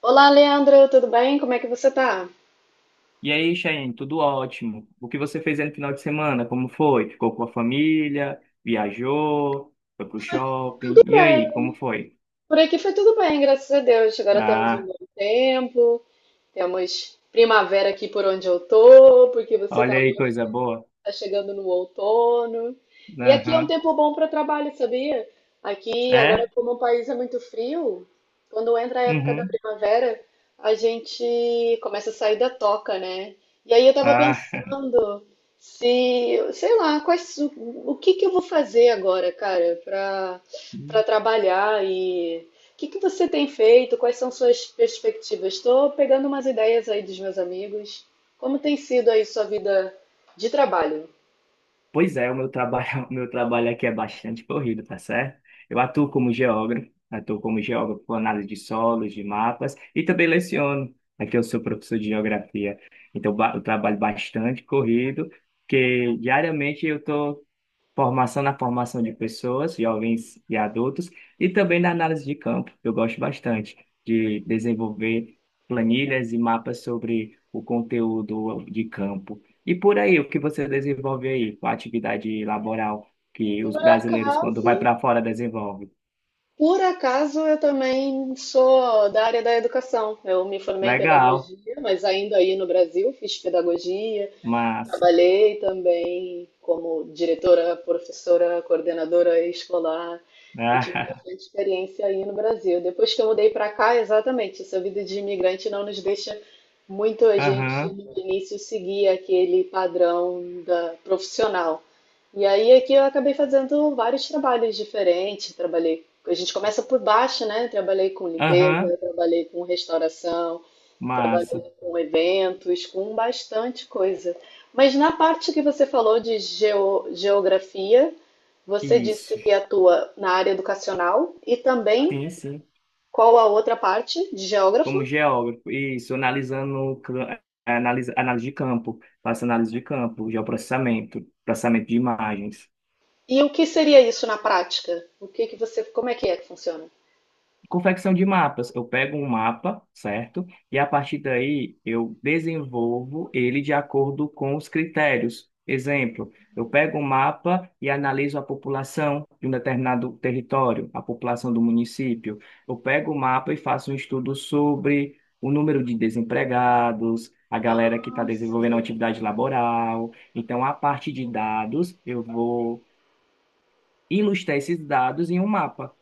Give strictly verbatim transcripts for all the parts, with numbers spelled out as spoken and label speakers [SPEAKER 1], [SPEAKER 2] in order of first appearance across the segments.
[SPEAKER 1] Olá, Leandro, tudo bem? Como é que você tá?
[SPEAKER 2] E aí, Cheyenne, tudo ótimo. O que você fez aí no final de semana? Como foi? Ficou com a família? Viajou? Foi pro
[SPEAKER 1] Tudo
[SPEAKER 2] shopping? E aí,
[SPEAKER 1] bem.
[SPEAKER 2] como foi?
[SPEAKER 1] Por aqui foi tudo bem, graças a Deus. Agora temos um
[SPEAKER 2] Ah,
[SPEAKER 1] bom tempo, temos primavera aqui por onde eu tô, porque você tá
[SPEAKER 2] olha aí, coisa boa.
[SPEAKER 1] Tá chegando no outono. E aqui é um
[SPEAKER 2] Aham.
[SPEAKER 1] tempo bom para trabalho, sabia? Aqui, agora,
[SPEAKER 2] É?
[SPEAKER 1] como o país é muito frio, quando entra a época da
[SPEAKER 2] Uhum.
[SPEAKER 1] primavera, a gente começa a sair da toca, né? E aí eu tava
[SPEAKER 2] Ah.
[SPEAKER 1] pensando se, sei lá, quais, o, o que que eu vou fazer agora, cara, para para trabalhar e o que que você tem feito? Quais são suas perspectivas? Estou pegando umas ideias aí dos meus amigos. Como tem sido aí sua vida de trabalho?
[SPEAKER 2] Pois é, o meu trabalho, o meu trabalho aqui é bastante corrido, tá certo? Eu atuo como geógrafo, atuo como geógrafo com análise de solos, de mapas e também leciono. Aqui eu sou professor de geografia, então ba- eu trabalho bastante corrido, porque diariamente eu estou Formação na formação de pessoas, jovens e adultos, e também na análise de campo. Eu gosto bastante de desenvolver planilhas e mapas sobre o conteúdo de campo. E por aí, o que você desenvolve aí com a atividade laboral que os
[SPEAKER 1] Por
[SPEAKER 2] brasileiros, quando
[SPEAKER 1] acaso,
[SPEAKER 2] vai para fora, desenvolvem?
[SPEAKER 1] por acaso eu também sou da área da educação. Eu me formei em
[SPEAKER 2] Legal,
[SPEAKER 1] pedagogia, mas ainda aí no Brasil fiz pedagogia.
[SPEAKER 2] massa.
[SPEAKER 1] Trabalhei também como diretora, professora, coordenadora escolar e tive bastante experiência aí no Brasil. Depois que eu mudei para cá, exatamente, essa vida de imigrante não nos deixa muito a gente
[SPEAKER 2] Aham,
[SPEAKER 1] no início seguir aquele padrão da profissional. E aí aqui eu acabei fazendo vários trabalhos diferentes, trabalhei, a gente começa por baixo, né? Trabalhei com limpeza,
[SPEAKER 2] aham,
[SPEAKER 1] trabalhei com restauração.
[SPEAKER 2] massa.
[SPEAKER 1] Trabalhei com eventos, com bastante coisa. Mas na parte que você falou de geo- geografia, você disse
[SPEAKER 2] Isso.
[SPEAKER 1] que atua na área educacional e também
[SPEAKER 2] Sim, sim.
[SPEAKER 1] qual a outra parte de geógrafo?
[SPEAKER 2] Como geógrafo, isso, analisando, cl- analisa, análise de campo, faço análise de campo, geoprocessamento, processamento de imagens.
[SPEAKER 1] E o que seria isso na prática? O que que você, como é que é que funciona?
[SPEAKER 2] Confecção de mapas. Eu pego um mapa, certo? E a partir daí eu desenvolvo ele de acordo com os critérios. Exemplo, eu pego um mapa e analiso a população de um determinado território, a população do município. Eu pego o mapa e faço um estudo sobre o número de desempregados, a galera
[SPEAKER 1] Ah.
[SPEAKER 2] que está desenvolvendo atividade laboral. Então, a partir de dados, eu vou ilustrar esses dados em um mapa.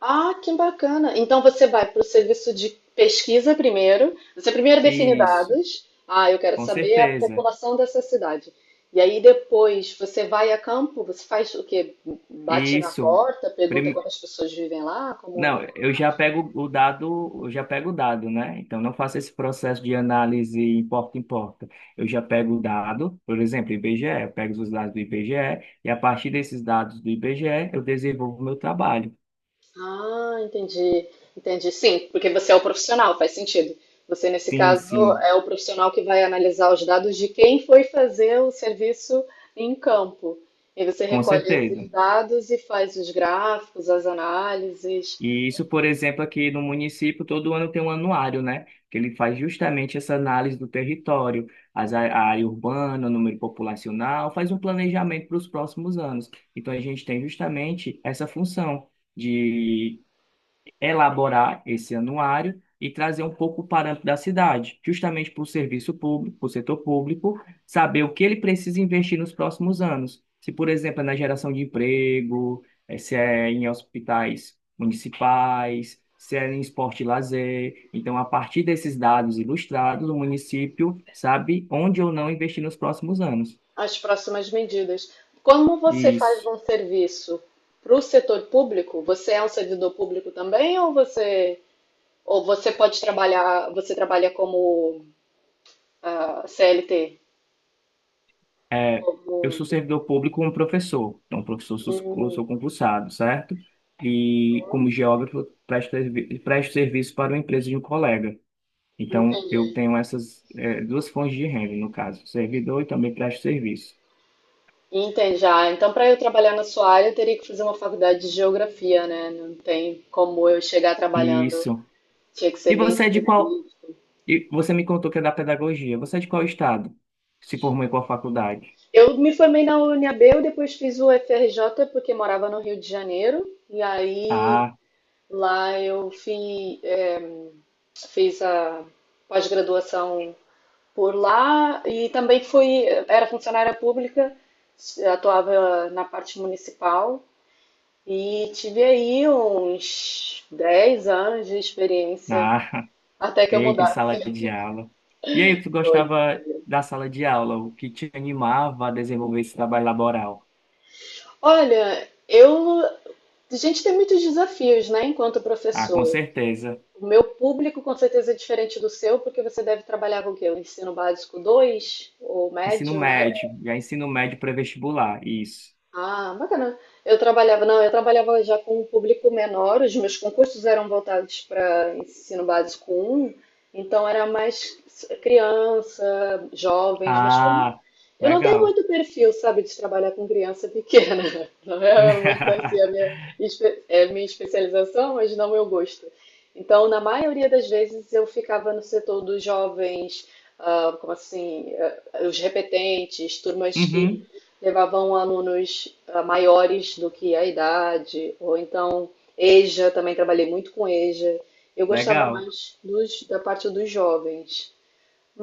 [SPEAKER 1] Ah, que bacana. Então você vai para o serviço de pesquisa primeiro. Você primeiro define
[SPEAKER 2] Isso,
[SPEAKER 1] dados. Ah, eu quero
[SPEAKER 2] com
[SPEAKER 1] saber a
[SPEAKER 2] certeza.
[SPEAKER 1] população dessa cidade. E aí depois você vai a campo, você faz o quê? Bate na
[SPEAKER 2] Isso.
[SPEAKER 1] porta, pergunta
[SPEAKER 2] Prime-
[SPEAKER 1] quantas pessoas vivem lá, como é?
[SPEAKER 2] Não, eu já pego o dado, eu já pego o dado, né? Então não faço esse processo de análise em porta em porta. Eu já pego o dado, por exemplo, I B G E, eu pego os dados do IBGE e a partir desses dados do I B G E eu desenvolvo o meu trabalho.
[SPEAKER 1] Ah, entendi, entendi. Sim, porque você é o profissional, faz sentido. Você, nesse
[SPEAKER 2] Sim,
[SPEAKER 1] caso,
[SPEAKER 2] sim,
[SPEAKER 1] é o profissional que vai analisar os dados de quem foi fazer o serviço em campo. E você
[SPEAKER 2] com
[SPEAKER 1] recolhe esses
[SPEAKER 2] certeza.
[SPEAKER 1] dados e faz os gráficos, as análises,
[SPEAKER 2] E isso, por exemplo, aqui no município, todo ano tem um anuário, né? Que ele faz justamente essa análise do território, as á- a área urbana, o número populacional, faz um planejamento para os próximos anos. Então, a gente tem justamente essa função de elaborar esse anuário e trazer um pouco o parâmetro da cidade, justamente para o serviço público, para o setor público, saber o que ele precisa investir nos próximos anos. Se, por exemplo, é na geração de emprego, eh, se é em hospitais municipais, se é em esporte e lazer. Então, a partir desses dados ilustrados, o município sabe onde ou não investir nos próximos anos.
[SPEAKER 1] as próximas medidas. Como você faz
[SPEAKER 2] Isso.
[SPEAKER 1] um serviço para o setor público, você é um servidor público também ou você ou você pode trabalhar, você trabalha como ah, C L T?
[SPEAKER 2] É, eu sou
[SPEAKER 1] Como
[SPEAKER 2] servidor público como professor, então professor sou, eu sou concursado, certo? E como geógrafo presto, servi- presto serviço para uma empresa de um colega. Então eu tenho essas é, duas fontes de renda, no caso, servidor e também presto serviço.
[SPEAKER 1] Entende já. Então, para eu trabalhar na sua área, eu teria que fazer uma faculdade de geografia, né? Não tem como eu chegar trabalhando.
[SPEAKER 2] Isso.
[SPEAKER 1] Tinha que ser
[SPEAKER 2] E
[SPEAKER 1] bem
[SPEAKER 2] você é de qual?
[SPEAKER 1] específico.
[SPEAKER 2] E você me contou que é da pedagogia. Você é de qual estado? Se formou em qual faculdade?
[SPEAKER 1] Eu me formei na U N B, eu depois fiz o F R J porque morava no Rio de Janeiro. E aí
[SPEAKER 2] Ah,
[SPEAKER 1] lá eu fi- é, fiz a pós-graduação por lá e também fui, era funcionária pública, atuava na parte municipal. E tive aí uns dez anos de experiência
[SPEAKER 2] ah.
[SPEAKER 1] até que eu
[SPEAKER 2] Eita, em sala
[SPEAKER 1] mudasse.
[SPEAKER 2] de aula. E aí, tu
[SPEAKER 1] Foi.
[SPEAKER 2] gostava da sala de aula? O que te animava a desenvolver esse trabalho laboral?
[SPEAKER 1] Olha, eu. A gente tem muitos desafios, né, enquanto
[SPEAKER 2] Ah, com
[SPEAKER 1] professor.
[SPEAKER 2] certeza.
[SPEAKER 1] O meu público com certeza é diferente do seu, porque você deve trabalhar com o quê? O ensino básico dois ou
[SPEAKER 2] Ensino
[SPEAKER 1] médio, né?
[SPEAKER 2] médio, já ensino médio pré-vestibular, isso.
[SPEAKER 1] Ah, bacana. Eu trabalhava, não, eu trabalhava já com um público menor, os meus concursos eram voltados para ensino básico um, então era mais criança, jovens, mas como
[SPEAKER 2] Ah,
[SPEAKER 1] eu não tenho
[SPEAKER 2] legal.
[SPEAKER 1] muito perfil, sabe, de trabalhar com criança pequena, não é muito assim a minha, espe- é a minha especialização, mas não meu gosto. Então, na maioria das vezes, eu ficava no setor dos jovens, ah, como assim, ah, os repetentes, turmas que
[SPEAKER 2] Uhum,
[SPEAKER 1] levavam alunos ah, maiores do que a idade, ou então EJA, também trabalhei muito com EJA. Eu gostava
[SPEAKER 2] legal.
[SPEAKER 1] mais dos, da parte dos jovens,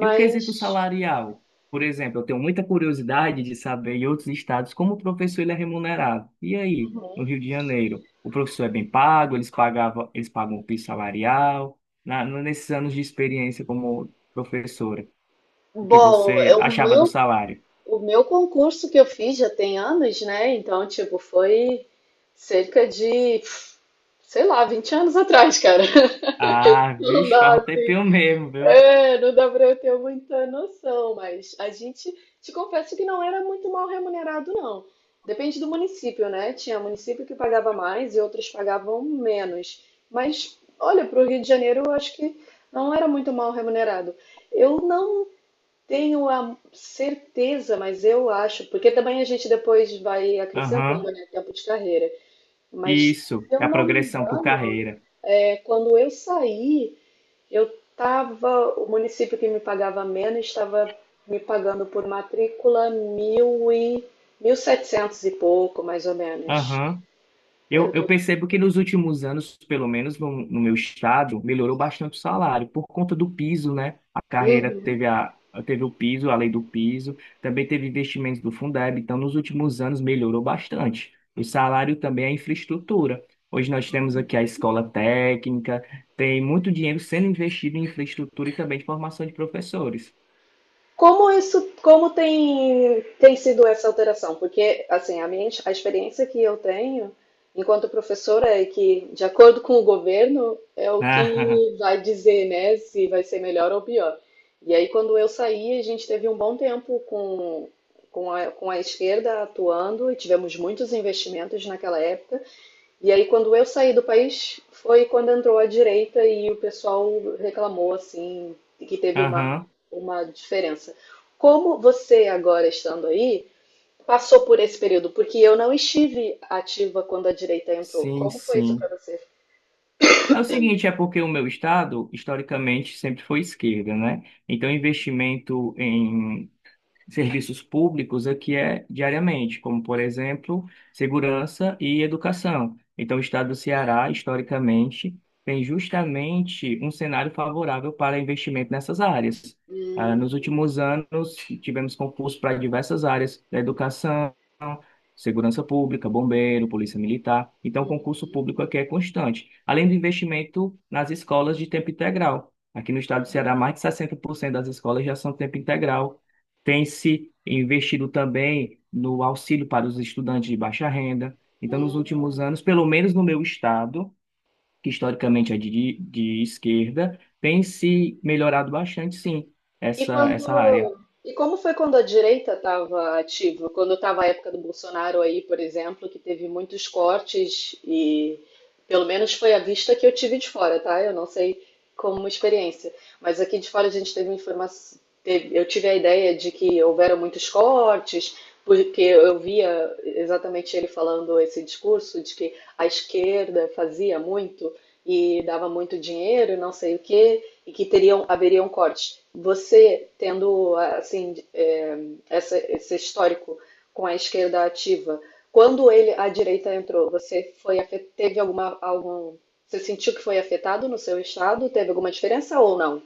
[SPEAKER 2] E o quesito salarial? Por exemplo, eu tenho muita curiosidade de saber em outros estados como o professor ele é remunerado. E aí, no
[SPEAKER 1] uhum.
[SPEAKER 2] Rio de Janeiro, o professor é bem pago, eles pagavam, eles pagam o piso salarial, na, nesses anos de experiência como professora, o que
[SPEAKER 1] Bom,
[SPEAKER 2] você
[SPEAKER 1] é o
[SPEAKER 2] achava do
[SPEAKER 1] meu,
[SPEAKER 2] salário?
[SPEAKER 1] o meu concurso que eu fiz já tem anos, né? Então, tipo, foi cerca de, sei lá, vinte anos atrás, cara.
[SPEAKER 2] Ah,
[SPEAKER 1] Não
[SPEAKER 2] vixe,
[SPEAKER 1] dá,
[SPEAKER 2] faz um
[SPEAKER 1] assim.
[SPEAKER 2] tempinho mesmo, viu?
[SPEAKER 1] É, não dá para eu ter muita noção, mas a gente, te confesso que não era muito mal remunerado, não. Depende do município, né? Tinha município que pagava mais e outros pagavam menos. Mas, olha, para o Rio de Janeiro, eu acho que não era muito mal remunerado. Eu não tenho a certeza, mas eu acho, porque também a gente depois vai acrescentando,
[SPEAKER 2] Aham.
[SPEAKER 1] né, tempo de carreira. Mas, se
[SPEAKER 2] Isso,
[SPEAKER 1] eu
[SPEAKER 2] é a
[SPEAKER 1] não me
[SPEAKER 2] progressão por
[SPEAKER 1] engano,
[SPEAKER 2] carreira.
[SPEAKER 1] é quando eu saí. Eu estava, o município que me pagava menos estava me pagando por matrícula mil e, mil e setecentos e pouco, mais ou menos.
[SPEAKER 2] Aham.
[SPEAKER 1] Era
[SPEAKER 2] Eu,
[SPEAKER 1] o que
[SPEAKER 2] eu
[SPEAKER 1] eu
[SPEAKER 2] percebo que nos últimos anos, pelo menos no, no meu estado, melhorou bastante o salário, por conta do piso, né? A carreira
[SPEAKER 1] Uhum.
[SPEAKER 2] teve, a, teve o piso, a lei do piso, também teve investimentos do Fundeb, então nos últimos anos melhorou bastante. O salário também é a infraestrutura. Hoje nós temos aqui a escola técnica, tem muito dinheiro sendo investido em infraestrutura e também de formação de professores.
[SPEAKER 1] Como isso, como tem, tem sido essa alteração? Porque, assim, a minha, a experiência que eu tenho enquanto professora é que, de acordo com o governo, é o que vai dizer, né, se vai ser melhor ou pior. E aí, quando eu saí, a gente teve um bom tempo com, com a, com a esquerda atuando e tivemos muitos investimentos naquela época e aí, quando eu saí do país, foi quando entrou a direita e o pessoal reclamou, assim, que teve
[SPEAKER 2] Ah,
[SPEAKER 1] uma,
[SPEAKER 2] aham,
[SPEAKER 1] uma diferença. Como você, agora estando aí, passou por esse período? Porque eu não estive ativa quando a direita entrou.
[SPEAKER 2] sim,
[SPEAKER 1] Como foi isso para
[SPEAKER 2] sim.
[SPEAKER 1] você?
[SPEAKER 2] É o seguinte, é porque o meu estado, historicamente, sempre foi esquerda, né? Então, investimento em serviços públicos aqui é diariamente, como, por exemplo, segurança e educação. Então, o estado do Ceará, historicamente, tem justamente um cenário favorável para investimento nessas áreas. Ah,
[SPEAKER 1] Uhum,
[SPEAKER 2] nos últimos anos, tivemos concursos para diversas áreas da educação, segurança pública, bombeiro, polícia militar. Então, o concurso público aqui é constante. Além do investimento nas escolas de tempo integral. Aqui no estado do Ceará, mais de sessenta por cento das escolas já são tempo integral, tem se investido também no auxílio para os estudantes de baixa renda. Então, nos últimos
[SPEAKER 1] uhum.
[SPEAKER 2] anos, pelo menos no meu estado, que historicamente é de, de esquerda, tem se melhorado bastante, sim,
[SPEAKER 1] E
[SPEAKER 2] essa, essa área.
[SPEAKER 1] quando. E como foi quando a direita estava ativa? Quando estava a época do Bolsonaro aí, por exemplo, que teve muitos cortes e pelo menos foi a vista que eu tive de fora, tá? Eu não sei como experiência, mas aqui de fora a gente teve informação, eu tive a ideia de que houveram muitos cortes, porque eu via exatamente ele falando esse discurso de que a esquerda fazia muito e dava muito dinheiro, e não sei o quê, e que teriam, haveria um corte. Você tendo assim é, essa, esse histórico com a esquerda ativa, quando ele a direita entrou, você foi teve alguma algum você sentiu que foi afetado no seu estado? Teve alguma diferença ou não?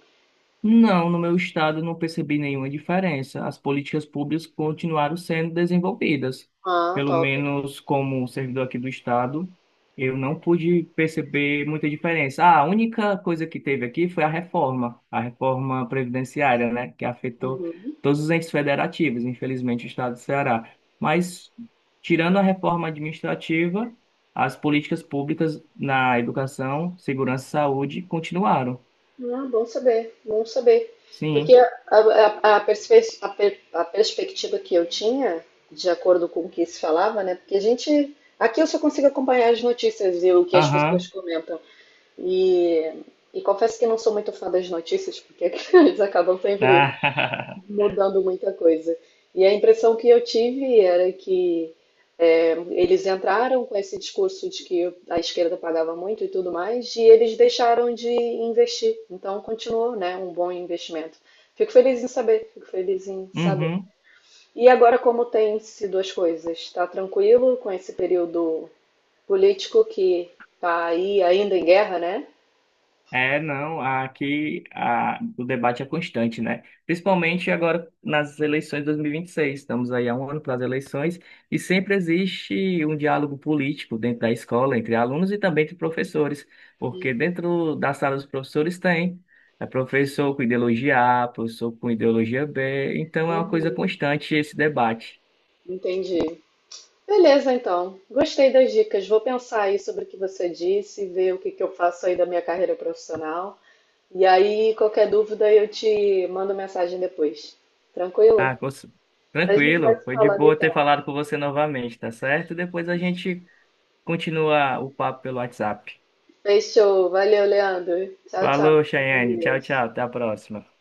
[SPEAKER 2] Não, no meu estado não percebi nenhuma diferença. As políticas públicas continuaram sendo desenvolvidas.
[SPEAKER 1] Ah,
[SPEAKER 2] Pelo
[SPEAKER 1] top.
[SPEAKER 2] menos como um servidor aqui do estado, eu não pude perceber muita diferença. Ah, a única coisa que teve aqui foi a reforma, a reforma previdenciária, né, que afetou
[SPEAKER 1] Uhum.
[SPEAKER 2] todos os entes federativos, infelizmente, o estado do Ceará. Mas, tirando a reforma administrativa, as políticas públicas na educação, segurança e saúde continuaram.
[SPEAKER 1] Ah, bom saber, bom saber. Porque
[SPEAKER 2] Sim.
[SPEAKER 1] a, a, a perspe- a per- a perspectiva que eu tinha, de acordo com o que se falava, né? Porque a gente. Aqui eu só consigo acompanhar as notícias e o que as pessoas
[SPEAKER 2] Aham.
[SPEAKER 1] comentam. E, e confesso que não sou muito fã das notícias, porque eles acabam sempre
[SPEAKER 2] Ah,
[SPEAKER 1] mudando muita coisa. E a impressão que eu tive era que é, eles entraram com esse discurso de que a esquerda pagava muito e tudo mais, e eles deixaram de investir. Então continuou, né, um bom investimento. Fico feliz em saber, fico feliz em saber.
[SPEAKER 2] uhum.
[SPEAKER 1] E agora como tem sido as coisas? Está tranquilo com esse período político que está aí ainda em guerra, né?
[SPEAKER 2] É, não, aqui a, o debate é constante, né? Principalmente agora nas eleições de dois mil e vinte e seis. Estamos aí há um ano para as eleições e sempre existe um diálogo político dentro da escola, entre alunos e também entre professores, porque dentro da sala dos professores tem é professor com ideologia A, professor com ideologia B, então é uma coisa constante esse debate.
[SPEAKER 1] Entendi. Beleza, então. Gostei das dicas. Vou pensar aí sobre o que você disse, ver o que que eu faço aí da minha carreira profissional. E aí, qualquer dúvida, eu te mando mensagem depois. Tranquilo?
[SPEAKER 2] Ah, cons-
[SPEAKER 1] A gente vai
[SPEAKER 2] tranquilo,
[SPEAKER 1] se
[SPEAKER 2] foi de
[SPEAKER 1] falando
[SPEAKER 2] boa ter
[SPEAKER 1] então.
[SPEAKER 2] falado com você novamente, tá certo? Depois a gente continua o papo pelo WhatsApp.
[SPEAKER 1] Fechou. Valeu, Leandro. Tchau, tchau.
[SPEAKER 2] Falou,
[SPEAKER 1] Fica com
[SPEAKER 2] Chayane. Tchau,
[SPEAKER 1] Deus.
[SPEAKER 2] tchau. Até a próxima.